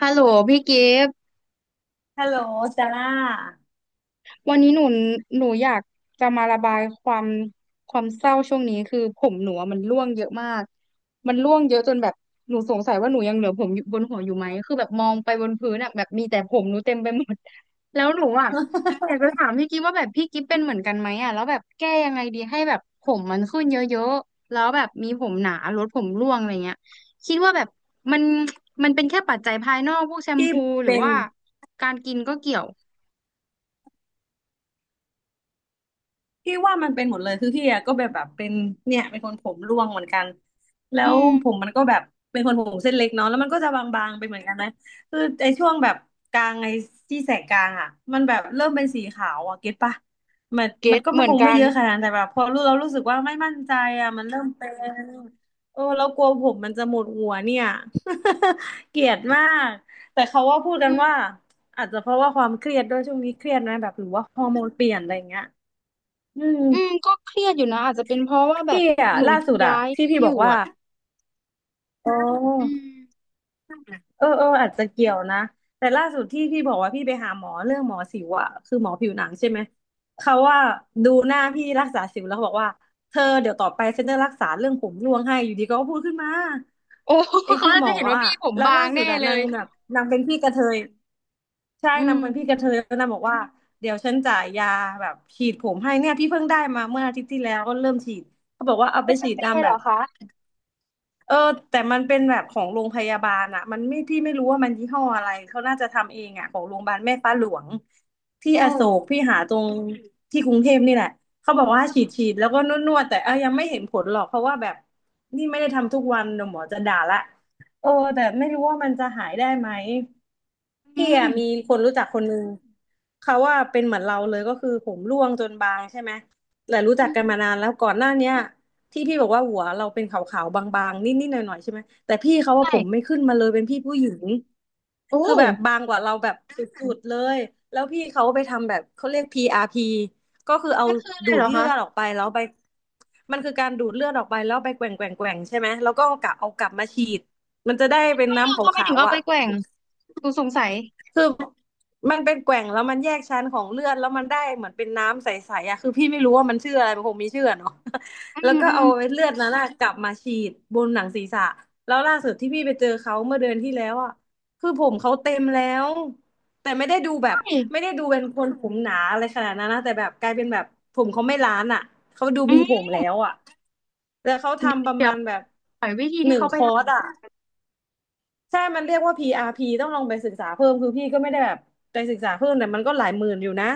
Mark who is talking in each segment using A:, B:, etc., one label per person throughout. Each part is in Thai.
A: ฮัลโหลพี่กิฟต์
B: ฮัลโหลซาร่า
A: วันนี้หนูอยากจะมาระบายความเศร้าช่วงนี้คือผมหนูอะมันร่วงเยอะมากมันร่วงเยอะจนแบบหนูสงสัยว่าหนูยังเหลือผมอยู่บนหัวอยู่ไหมคือแบบมองไปบนพื้นอ่ะแบบมีแต่ผมหนูเต็มไปหมด แล้วหนูอ่ะอยากจะถามพี่กิฟต์ว่าแบบพี่กิฟต์เป็นเหมือนกันไหมอ่ะแล้วแบบแก้ยังไงดีให้แบบผมมันขึ้นเยอะๆแล้วแบบมีผมหนาลดผมร่วงอะไรเงี้ยคิดว่าแบบมันมันเป็นแค่ปัจจัยภายนอกพวกแชม
B: ที่
A: พูหรือ
B: เป็น
A: ว่าการกินก็เกี่ยว
B: พี่ว่ามันเป็นหมดเลยคือพี่อะก็แบบเป็นเนี่ยเป็นคนผมร่วงเหมือนกันแล้
A: อื
B: ว
A: ม
B: ผมมันก็แบบเป็นคนผมเส้นเล็กเนาะแล้วมันก็จะบางๆไปเหมือนกันนะคือไอ้ช่วงแบบกลางไอ้ที่แสกกลางอะมันแบบเริ่มเป็นสีขาวอะเก็ตปะมัน
A: เก็
B: มัน
A: ต
B: ก็
A: เห
B: ไม่
A: มือ
B: ค
A: น
B: งไม่
A: กัน
B: เยอะขนาดนั้นแต่แบบพอรู้เรารู้สึกว่าไม่มั่นใจอะมันเริ่มเป็นเออเรากลัวผมมันจะหมดหัวเนี่ย เกลียดมากแต่เขาว่าพูดกั
A: อื
B: น
A: ม
B: ว่าอาจจะเพราะว่าความเครียดด้วยช่วงนี้เครียดนะแบบหรือว่าฮอร์โมนเปลี่ยนอะไรอย่างเงี้ยอืม
A: อืมก็เครียดอยู่นะอาจจะเป็นเพราะว่าแบ
B: พี่
A: บ
B: อ่ะ
A: หนู
B: ล่าสุดอะ
A: ย้าย
B: ที่
A: ที่
B: พี่
A: อ
B: บ
A: ยู่
B: อกว่า
A: อ่ะ
B: อ๋
A: อื
B: อ
A: ม
B: เอออาจจะเกี่ยวนะแต่ล่าสุดที่พี่บอกว่าพี่ไปหาหมอเรื่องหมอสิวอะคือหมอผิวหนังใช่ไหมเขาว่าดูหน้าพี่รักษาสิวแล้วเขาบอกว่าเธอเดี๋ยวต่อไปฉันจะรักษาเรื่องผมร่วงให้อยู่ดีก็พูดขึ้นมา
A: โอ้
B: ไอ้
A: เขา
B: คุณ
A: อา
B: ห
A: จ
B: ม
A: จะ
B: อ
A: เห็นว่า
B: อะ
A: พี่ผม
B: แล้ว
A: บา
B: ล่า
A: ง
B: สุ
A: แน่
B: ดอะ
A: เล
B: นา
A: ย
B: งแบบนางเป็นพี่กระเทยใช่
A: อื
B: นา
A: ม
B: งเป็นพี่กระเทยแล้วนางบอกว่าเดี๋ยวฉันจ่ายยาแบบฉีดผมให้เนี่ยพี่เพิ่งได้มาเมื่ออาทิตย์ที่แล้วก็เริ่มฉีดเขาบอกว่าเอาไป
A: เป็นส
B: ฉีด
A: เปร
B: ตาม
A: ย์
B: แบ
A: เหรอ
B: บ
A: คะ
B: เออแต่มันเป็นแบบของโรงพยาบาลอะมันไม่พี่ไม่รู้ว่ามันยี่ห้ออะไรเขาน่าจะทำเองอะของโรงพยาบาลแม่ฟ้าหลวงที่
A: โอ้
B: อโศกพี่หาตรงที่กรุงเทพนี่แหละเขาบอกว่าฉีด
A: ค่ะ
B: ฉีดแล้วก็นวดแต่เออยังไม่เห็นผลหรอกเพราะว่าแบบนี่ไม่ได้ทำทุกวันเดี๋ยวหมอจะด่าละเออแต่ไม่รู้ว่ามันจะหายได้ไหม
A: อื
B: พี่
A: ม
B: อะมีคนรู้จักคนนึงเขาว่าเป็นเหมือนเราเลยก็คือผมร่วงจนบางใช่ไหมแต่รู้จั
A: อื
B: ก
A: ม
B: กันมานานแล้วก่อนหน้าเนี้ย ที่พี่บอกว่าหัวเราเป็นขาวๆบางๆนิดๆหน่อยๆใช่ไหมแต่พี่เขาว่าผมไม่
A: ใช่
B: ขึ้นมาเลยเป็นพี่ผู้หญิง
A: โอ้
B: คือแบบบางกว่าเราแบบสุดๆเลยแล้วพี่เขาไปทำแบบเขาเรียก PRP ก็คือเอา
A: มันคืออะไร
B: ดู
A: เห
B: ด
A: รอ
B: เลื
A: คะ
B: อดออกไปแล้วไปมันคือการดูดเลือดออกไปแล้วไปแกว่งใช่ไหมแล้วก็เอากลับมาฉีดมันจะได้เป็น
A: ไม่เอา
B: น้ำข
A: ทำไม
B: า
A: ถึง
B: ว
A: เอา
B: ๆ
A: ไป
B: อ่ะ
A: แกว่งหนูสงสัย
B: คือมันเป็นแกว่งแล้วมันแยกชั้นของเลือดแล้วมันได้เหมือนเป็นน้ำใสๆอ่ะคือพี่ไม่รู้ว่ามันชื่ออะไรมันคงมีชื่ออะเนาะ
A: อื
B: แล้ว
A: ม
B: ก็
A: อื
B: เอา
A: ม
B: ไอ้เลือดนั้นอะกลับมาฉีดบนหนังศีรษะแล้วล่าสุดที่พี่ไปเจอเขาเมื่อเดือนที่แล้วอ่ะคือผมเขาเต็มแล้วแต่
A: ใช่
B: ไม่ได้ดูเป็นคนผมหนาอะไรขนาดนั้นนะแต่แบบกลายเป็นแบบผมเขาไม่ล้านอ่ะเขาดู
A: อื
B: มีผม
A: ม
B: แล้วอ่ะแล้วเขาทำประ
A: เดี๋
B: มา
A: ยว
B: ณแบบ
A: หน่อยวิธี
B: ห
A: ที่
B: นึ่ง
A: เขา
B: ค
A: ไป
B: อร์ส
A: ท
B: อ่ะ ใช่มันเรียกว่า PRP ต้องลองไปศึกษาเพิ่มคือพี่ก็ไม่ได้แบบไปศึกษาเพิ่มแต่มันก็หลายหมื่นอยู่นะ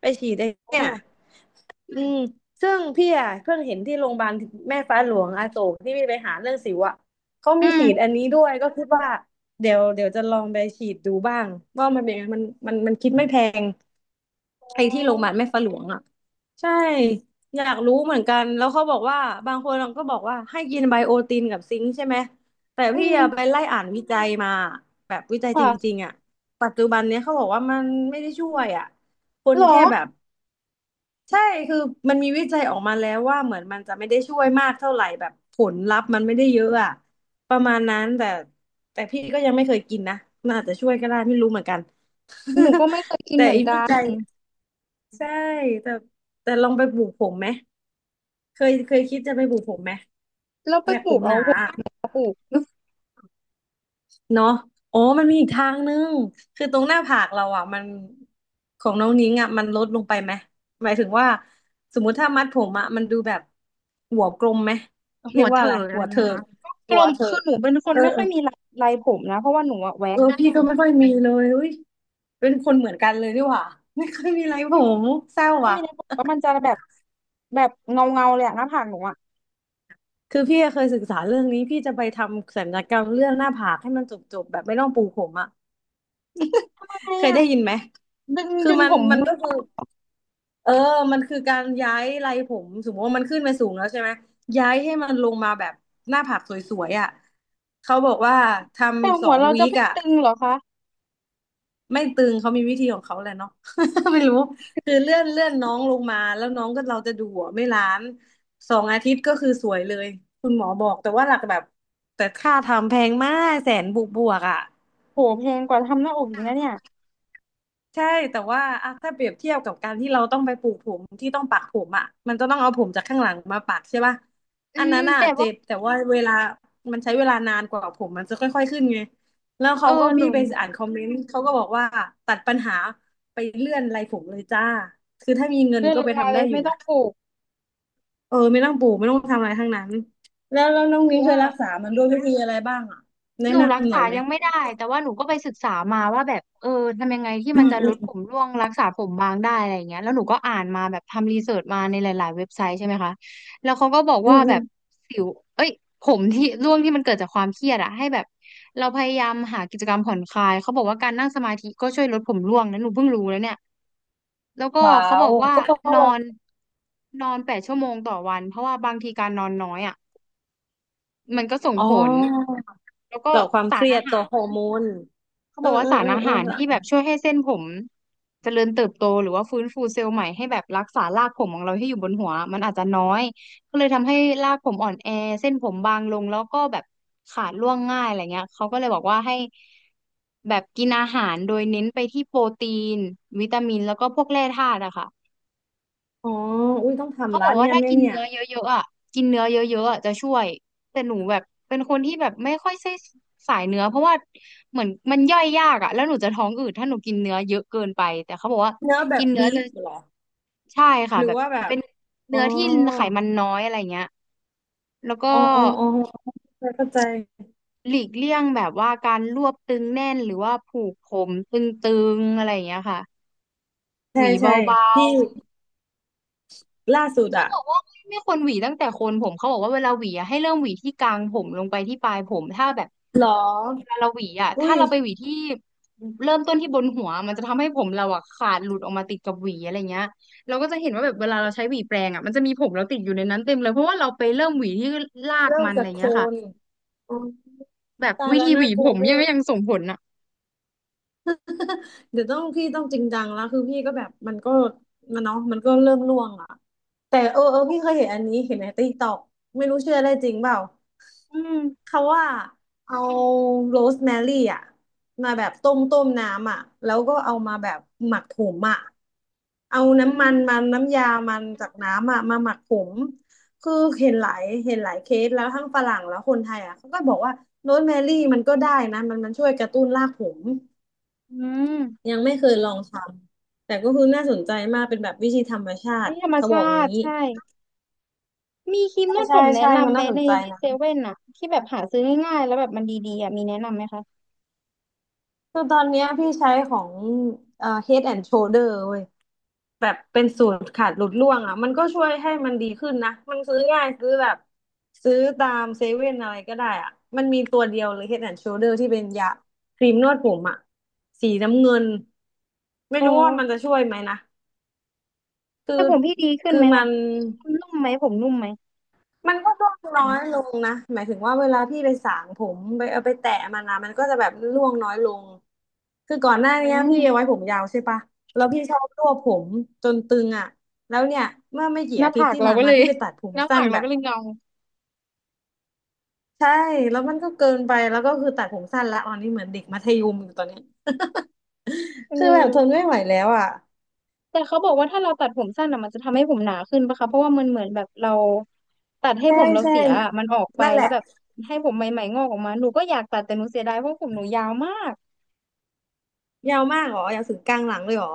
B: ไปฉีดไอ้
A: ำ
B: เนี่ย
A: โอ้
B: อืมซึ่งพี่อ่ะเพิ่งเห็นที่โรงพยาบาลแม่ฟ้าหลวงอโศกที่พี่ไปหาเรื่องสิวอ่ะ เขา
A: อื
B: มี
A: ม
B: ฉีดอันนี้ด้วยก็คิดว่าเดี๋ยวจะลองไปฉีดดูบ้างว่ามันเป็นยังไงมันคิดไม่แพง ไอ้ที่โรงพยาบาลแม่ฟ้าหลวงอ่ะใช่อยากรู้เหมือนกันแล้วเขาบอกว่าบางคนก็บอกว่าให้กินไบโอตินกับซิงค์ใช่ไหมแต่
A: อื
B: พี่อะ
A: ม
B: ไปไล่อ่านวิจัยมาแบบวิจัยจ
A: ค่ะ
B: ริงๆอ่ะปัจจุบันเนี้ยเขาบอกว่ามันไม่ได้ช่วยอ่ะคน
A: หรอ
B: แค่แบบใช่คือมันมีวิจัยออกมาแล้วว่าเหมือนมันจะไม่ได้ช่วยมากเท่าไหร่แบบผลลัพธ์มันไม่ได้เยอะอ่ะประมาณนั้นแต่แต่พี่ก็ยังไม่เคยกินนะมันอาจจะช่วยก็ได้ไม่รู้เหมือนกัน
A: หนูก็ไม่เคยกิ น
B: แต่
A: เหมือน
B: อีก
A: กั
B: วิ
A: น
B: จัย ใช่แต่แต่ลองไปปลูกผมไหมเคยคิดจะไปปลูกผมไหม
A: แล้วไป
B: แบบ
A: ป
B: ผ
A: ลู
B: ม
A: ก
B: ห
A: เอา
B: นาอะ
A: ปลูก
B: เนาะอ๋อมันมีอีกทางนึงคือตรงหน้าผากเราอ่ะมันของน้องนิ้งอ่ะมันลดลงไปไหมหมายถึงว่าสมมุติถ้ามัดผมอ่ะมันดูแบบหัวกลมไหมเรี
A: หั
B: ย
A: ว
B: กว่า
A: เถิ
B: อะไร
A: กอะ
B: หั
A: ไร
B: ว
A: น
B: เถิ
A: ง
B: ก
A: คะก
B: หั
A: ล
B: ว
A: ม
B: เถิ
A: คือ
B: ก
A: หนูเป็นค
B: เอ
A: น
B: อ
A: ไม่
B: เอ
A: ค่อ
B: อ
A: ยมีลายผมนะเพราะว่าหนูอะแว็
B: เอ
A: ก
B: อพี่ก็ไม่ค่อยมีเลยอุ้ยเป็นคนเหมือนกันเลยดีกว่าไม่ค่อยมีไรผมเศร้า
A: ถ้า
B: ว่ะ
A: มีลายผมก็มันจะแบบแบบเงาเงาเลยอะหน้าผากหนูอะ
B: คือพี่อะเคยศึกษาเรื่องนี้พี่จะไปทำศัลยกรรมเรื่องหน้าผากให้มันจบๆแบบไม่ต้องปูผมอะ
A: ทำไม
B: เคย
A: อะ
B: ได้ยินไหม
A: ดึง
B: คือมั
A: ผ
B: น
A: ม
B: มันก็คือเออมันคือการย้ายไรผมสมมติว่ามันขึ้นไปสูงแล้วใช่ไหมย้ายให้มันลงมาแบบหน้าผากสวยๆอ่ะเขาบอกว่าท
A: แต่
B: ำส
A: หั
B: อ
A: ว
B: ง
A: เรา
B: วี
A: จะ
B: ค
A: ไม่
B: อ่ะ
A: ตึงเหรอคะ
B: ไม่ตึงเขามีวิธีของเขาแหละเนาะ ไม่รู้คือเลื่อนน้องลงมาแล้วน้องก็เราจะดูหัวไม่ล้านสองอาทิตย์ก็คือสวยเลยคุณหมอบอกแต่ว่าหลักแบบแต่ค่าทำแพงมากแสนบวกบวกอ่ะ
A: โหแพงกว่าทำหน้าอกอีกนะเนี่ย
B: ใช่แต่ว่าอ่ะถ้าเปรียบเทียบกับการที่เราต้องไปปลูกผมที่ต้องปักผมอ่ะมันจะต้องเอาผมจากข้างหลังมาปักใช่ป่ะ
A: อื
B: อัน
A: ม
B: นั้นอ่ะ
A: แต่
B: เจ็
A: ว่า
B: บแต่ว่าเวลามันใช้เวลานานกว่าผมมันจะค่อยๆขึ้นไงแล้ว
A: เอ
B: เขา
A: อ
B: ก็
A: ห
B: พี่
A: นู
B: ไปอ่านคอมเมนต์เขาก็บอกว่าตัดปัญหาไปเลื่อนไรผมเลยจ้าคือถ้ามีเงิน
A: เลื่อน
B: ก็
A: ล
B: ไป
A: งมา
B: ทำ
A: เล
B: ได้
A: ย
B: อยู่
A: ไม่ต้อ
B: นะ
A: งปลูก
B: เออไม่ต้องปลูกไม่ต้องทำอะไรทั้งนั้นแล้วน้องนิ้ง
A: หัว
B: เคยรักษามันด้วยวิธีอะไรบ้างอ่ะแนะ
A: หนูรัก
B: นำหน่
A: ษา
B: อยไหม
A: ยังไม่ได้แต่ว่าหนูก็ไปศึกษามาว่าแบบเออทำยังไงที่
B: อื
A: มัน
B: ม
A: จะ
B: อื
A: ล
B: ม
A: ดผมร่วงรักษาผมบางได้อะไรอย่างเงี้ยแล้วหนูก็อ่านมาแบบทำรีเสิร์ชมาในหลาย ๆ เว็บไซต์ใช่ไหมคะแล้วเขาก็บอก
B: อื
A: ว่า
B: มอื
A: แบ
B: ม
A: บสิวเอ้ยผมที่ร่วงที่มันเกิดจากความเครียดอะให้แบบเราพยายามหากิจกรรมผ่อนคลายเขาบอกว่าการนั่งสมาธิก็ช่วยลดผมร่วงนะหนูเพิ่งรู้แล้วเนี่ยแล้วก็
B: ว้า
A: เขาบ
B: ว
A: อกว่า
B: ก็เพ
A: น
B: ราะ
A: อ
B: เรา
A: นนอน8 ชั่วโมงต่อวันเพราะว่าบางทีการนอนน้อยอ่ะมันก็ส่ง
B: อ๋อ
A: ผลแล้วก็
B: ต่อความ
A: สา
B: เค
A: ร
B: รีย
A: อา
B: ด
A: หา
B: ต่อฮอ
A: ร
B: ร์โมน
A: เขา
B: เอ
A: บ
B: อ
A: อกว่า
B: เออ
A: สาร
B: เออ
A: อา
B: เออ
A: หาร
B: หร
A: ที่แบ
B: อ
A: บช่วยให้เส้นผมเจริญเติบโตหรือว่าฟื้นฟูเซลล์ใหม่ให้แบบรักษารากผมของเราที่อยู่บนหัวมันอาจจะน้อยก็เลยทำให้รากผมอ่อนแอเส้นผมบางลงแล้วก็แบบขาดร่วงง่ายอะไรเงี้ยเขาก็เลยบอกว่าให้แบบกินอาหารโดยเน้นไปที่โปรตีนวิตามินแล้วก็พวกแร่ธาตุอะค่ะ
B: อ๋ออุ้ยต้อง
A: เขา
B: ทำ
A: บ
B: ละ
A: อกว่า
B: เนี่ย
A: ถ้า
B: เนี่ย
A: กิน
B: เนี่ย
A: เนื้อเยอะๆอ่ะกินเนื้อเยอะๆอ่ะจะช่วยแต่หนูแบบเป็นคนที่แบบไม่ค่อยใช่สายเนื้อเพราะว่าเหมือนมันย่อยยากอ่ะแล้วหนูจะท้องอืดถ้าหนูกินเนื้อเยอะเกินไปแต่เขาบอกว่า
B: เนื้อแบ
A: กิ
B: บ
A: นเนื้อ
B: บี
A: จะ
B: ฟเหรอ
A: ใช่ค่ะ
B: หรื
A: แบ
B: อ
A: บ
B: ว่าแบบ
A: เป็น
B: อ๋อ
A: เนื้อที่ไขมันน้อยอะไรเงี้ยแล้วก็
B: อ๋ออ๋ออ๋อเข้าใจ
A: หลีกเลี่ยงแบบว่าการรวบตึงแน่นหรือว่าผูกผมตึงๆอะไรอย่างเงี้ยค่ะ
B: เข้าใจ
A: ห
B: ใช่
A: วีเ
B: ใช่
A: บา
B: พี่ล่าสุด
A: เขา
B: อะ
A: บอกว่าไม่ควรหวีตั้งแต่โคนผมเขาบอกว่าเวลาหวีอะให้เริ่มหวีที่กลางผมลงไปที่ปลายผมถ้าแบบ
B: เหรอ
A: เวลาเราหวีอะ
B: อุ้
A: ถ้า
B: ย
A: เราไปหวีที่เริ่มต้นที่บนหัวมันจะทำให้ผมเราอะขาดหลุดออกมาติดกับหวีอะไรเงี้ยเราก็จะเห็นว่าแบบเวลาเราใช้หวีแปรงอะมันจะมีผมเราติดอยู่ในนั้นเต็มเลยเพราะว่าเราไปเริ่มหวีที่ราก
B: เริ่ม
A: มันอะ
B: จา
A: ไร
B: กโคล
A: เงี้ยค่ะ
B: นอ๋อ
A: แบบ
B: ตาย
A: วิ
B: แล้
A: ธี
B: ว
A: ห
B: น่า
A: วี
B: ก
A: ผ
B: ลัว
A: ม
B: เวอร์
A: ยังส่งผลอะ
B: เดี๋ยวต้องพี่ต้องจริงจังแล้วคือพี่ก็แบบมันก็มันเนาะมันก็เริ่มร่วงอ่ะแต่เออเออพี่เคยเห็นอันนี้เห็นในติ๊กต็อกไม่รู้เชื่อได้จริงเปล่า
A: อืม
B: เขาว่าเอาโรสแมรี่อ่ะมาแบบต้มน้ำอ่ะแล้วก็เอามาแบบหมักผงอ่ะเอา
A: อื
B: น้ำมั
A: ม
B: นน้ำยามันจากน้ำอ่ะมาหมักผมคือเห็นหลายเคสแล้วทั้งฝรั่งแล้วคนไทยอ่ะเขาก็บอกว่าโรสแมรี่มันก็ได้นะมันช่วยกระตุ้นรากผม
A: อืม
B: ยังไม่เคยลองทำแต่ก็คือน่าสนใจมากเป็นแบบวิธีธรรมชา
A: ไม่
B: ติ
A: ธรรม
B: เขาบ
A: ชา
B: อก
A: ติ
B: งี้
A: ใช่ มีครีม
B: ใช่
A: นวดผ
B: ใช่
A: มแนะ
B: ใช่มั
A: นำ
B: น
A: ไหม
B: น่าสน
A: ใน
B: ใจ
A: ใน
B: นะ
A: เซเว่นอะที่แบบหาซื้อง่ายๆแล้วแบบมันดีๆอะมีแนะนำไหมคะ
B: คือตอนเนี้ยพี่ใช้ของHead and Shoulder เว้ยแบบเป็นสูตรขาดหลุดร่วงอ่ะมันก็ช่วยให้มันดีขึ้นนะมันซื้อง่ายซื้อแบบซื้อตามเซเว่นอะไรก็ได้อ่ะมันมีตัวเดียวเลย Head and Shoulder ที่เป็นยาครีมนวดผมอ่ะสีน้ำเงินไม่
A: อ๋อ
B: รู้ว่ามันจะช่วยไหมนะคือ
A: แต่ผมพี่ดีขึ้น
B: คือ
A: ไหม
B: มั
A: ล่ะ
B: น
A: นุ่มไหมผมนุ่มไหม
B: มันก็ร่วงน้อยลงนะหมายถึงว่าเวลาพี่ไปสางผมไปเอาไปแตะมันนะมันก็จะแบบร่วงน้อยลงคือก่อนหน้า
A: อื
B: เนี้ยพี่เอา
A: ม
B: ไว้ผมยาวใช่ปะแล้วพี่ชอบรวบผมจนตึงอ่ะแล้วเนี่ยเมื่อไม่กี่
A: หน้า
B: อาทิต
A: ผา
B: ย์
A: ก
B: ที่
A: เรา
B: ผ่าน
A: ก็เล
B: มา
A: ย
B: พี่ไปตัดผ ม
A: หน้า
B: สั้
A: ผา
B: น
A: กเรา
B: แบ
A: ก็
B: บ
A: เลยเงา
B: ใช่แล้วมันก็เกินไปแล้วก็คือตัดผมสั้นละตอนนี้เหมือนเด็กมัธยมอยู่ตอนเนี้ย
A: เอ
B: คือแบบ
A: อ
B: ทนไม่ไหวแล้วอ่ะ
A: แต่เขาบอกว่าถ้าเราตัดผมสั้นอะมันจะทำให้ผมหนาขึ้นปะคะเพราะว่ามันเหมือนแบบเราตัดให้
B: ใช่
A: ผมเรา
B: ใช่
A: เสียอะมันออกไป
B: นั่นแห
A: แล้ว
B: ละ
A: แบบให้ผมใหม่ๆงอกออกมาหนูก็อยากตัดแต่หนูเสียดายเพราะผมหนูยาวมาก
B: ยาวมากเหรอยาวถึงกลางหลังเลยเหรอ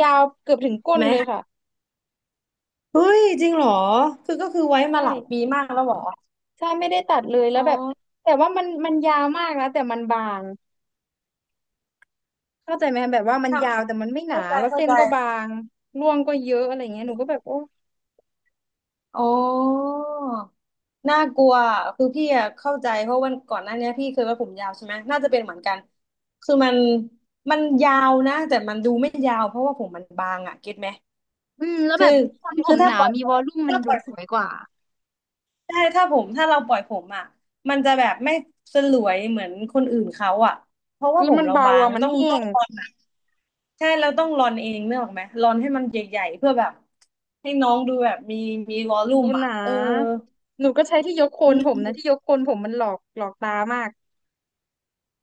A: ยาวเกือบถึงก้น
B: ไหม
A: เลยค่ะ
B: เฮ้ยจริงเหรอคือก็คือไว้
A: ใช่
B: มาหลายปีมากแล้วเหรอ
A: ไม่ได้ตัดเลยแล้
B: อ๋
A: ว
B: อ
A: แบบแต่ว่ามันยาวมากนะแต่มันบางเข้าใจไหมแบบว่ามัน
B: เข้า
A: ยาวแต่มันไม่หนา
B: เข้าใจ
A: แล้ว
B: เข้า
A: เส้น
B: ใจ
A: ก็บางร่วงก็เยอะอะไรเงี้ยหนูก็แบบโอ้
B: อ๋อน่ากลัวอะคือพี่อะเข้าใจเพราะวันก่อนหน้าเนี้ยพี่เคยไว้ผมยาวใช่ไหมน่าจะเป็นเหมือนกันคือมันมันยาวนะ แต่มันดูไม่ยาวเพราะว่าผมมันบางอะเก็ตไหม
A: อืมแล้ว
B: คื
A: แบ
B: อ
A: บทำผ
B: คือ
A: มห
B: ถ้า
A: นา
B: ปล่อย
A: มีวอลลุ่มมัน
B: ถ้าป
A: ดู
B: ล่อย
A: สวยกว่า
B: ใช่ถ้าผมถ้าเราปล่อยผมอะมันจะแบบไม่สลวยเหมือนคนอื่นเขาอะเพราะว่า
A: แล้ว
B: ผม
A: มัน
B: เรา
A: เบา
B: บาง
A: อ่ะมัน
B: ต้อง
A: แห้
B: ต้อง
A: ง
B: ตอน ใช่เราต้องรอนเองเนกออกไหมรอนให้มันใหญ่ๆเพื่อแบบให้น้องดูแบบมีวอลลุ่
A: ดู
B: ม
A: ห
B: อ่ะ
A: นา
B: เออ
A: หนูก็ใช้ที่ยกโค
B: อื
A: นผม
B: ม
A: นะที่ยกโคนผมมันหลอกตามาก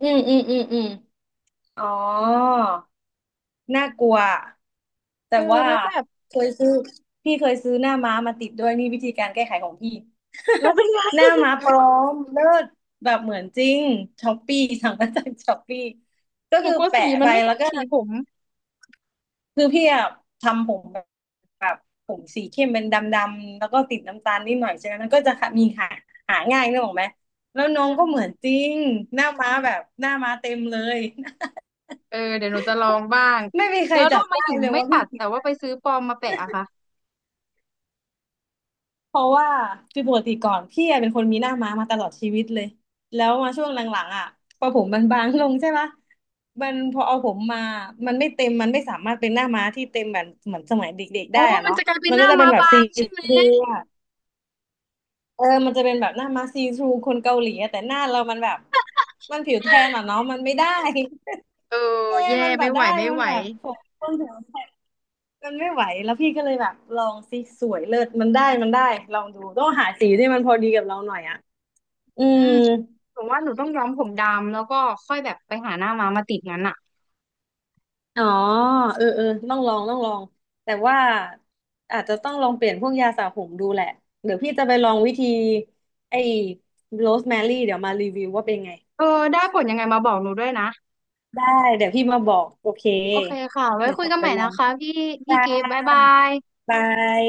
B: อืมอืมอืมอืมอ๋อน่ากลัว
A: เอ
B: แต่
A: อ
B: ว่า
A: แล้วแบบ
B: เคยซื้อพี่เคยซื้อหน้าม้ามาติดด้วยนี่วิธีการแก้ไขของพี่
A: แล้วเป็นไง
B: หน้า ม้าพร้อมเลิศแบบเหมือนจริงช้อปปี้สั่งมาจากช้อปปี้ก็
A: หนู
B: คือ
A: กลัว
B: แปะ
A: สีมั
B: ไป
A: นไม่ต
B: แล้
A: ร
B: ว
A: ง
B: ก็
A: สีผม
B: คือพี่อะทำผมแบบผมสีเข้มเป็นดำๆแล้วก็ติดน้ำตาลนิดหน่อยใช่ไหมมัน
A: อื
B: ก็
A: ม
B: จะมีหาง่ายนึกออกไหมแล้วน้อ
A: อื
B: ง
A: มอื
B: ก็
A: ม
B: เหมือนจริงหน้าม้าแบบหน้าม้าเต็มเลย
A: เออเดี๋ยวหนูจะลองบ้าง
B: ไม่มีใคร
A: แล้วเรา
B: จับ
A: มา
B: ได้
A: อยู่
B: เลย
A: ไม่
B: ว่า
A: ตั
B: พี่
A: ด
B: ติ
A: แต่
B: ด
A: ว่าไปซื้อปลอมมาแปะอะค่ะ
B: เพราะว่าคือปกติก่อนพี่อะเป็นคนมีหน้าม้ามาตลอดชีวิตเลยแล้วมาช่วงหลังๆอ่ะพอผมมันบางลงใช่ปะมันพอเอาผมมามันไม่เต็มมันไม่สามารถเป็นหน้าม้าที่เต็มแบบเหมือนสมัยเด็กๆได้
A: โอ้
B: อะ
A: มัน
B: เนาะ
A: จะกลายเป็น
B: มัน
A: ห
B: ก็
A: น้า
B: จะเป็
A: ม้า
B: นแบบ
A: บา
B: ซี
A: ง
B: ท
A: ใช่ไหม
B: รู เออมันจะเป็นแบบหน้ามาซีทรูคนเกาหลีอะแต่หน้าเรามันแบบมันผิวแทนอ่ะเนาะมันไม่ได้
A: เออ
B: เอ้
A: แย่
B: มันแบ
A: ไม่
B: บ
A: ไหว
B: ได้
A: ไม่
B: มัน
A: ไหว
B: แบบผมต้นแถวแ่มันไม่ไหวแล้วพี่ก็เลยแบบลองสิสวยเลิศมันได้ลองดูต้องหาสีที่มันพอดีกับเราหน่อยอ่ะอื
A: อื
B: ม
A: มถึงว่าหนูต้องย้อมผมดำแล้วก็ค่อยแบบไปหาหน้าม้ามาติดงั้นอ่ะ
B: อ๋อเออเออต้องลองแต่ว่าอาจจะต้องลองเปลี่ยนพวกยาสระผมดูแหละเดี๋ยวพี่จะไปลองวิธีไอ้โรสแมรี่เดี๋ยวมารีวิวว่าเป็นไง
A: เออได้ผลยังไงมาบอกหนูด้วยนะ
B: ได้เดี๋ยวพี่มาบอกโอเค
A: โอเคค่ะ ไว้
B: เดี๋ยว
A: คุ
B: ข
A: ย
B: อ
A: กัน
B: ไป
A: ใหม่
B: ลอ
A: นะ
B: ง
A: คะพี่พี่
B: จ้
A: กิฟต์บ๊ายบา
B: า
A: ย
B: บาย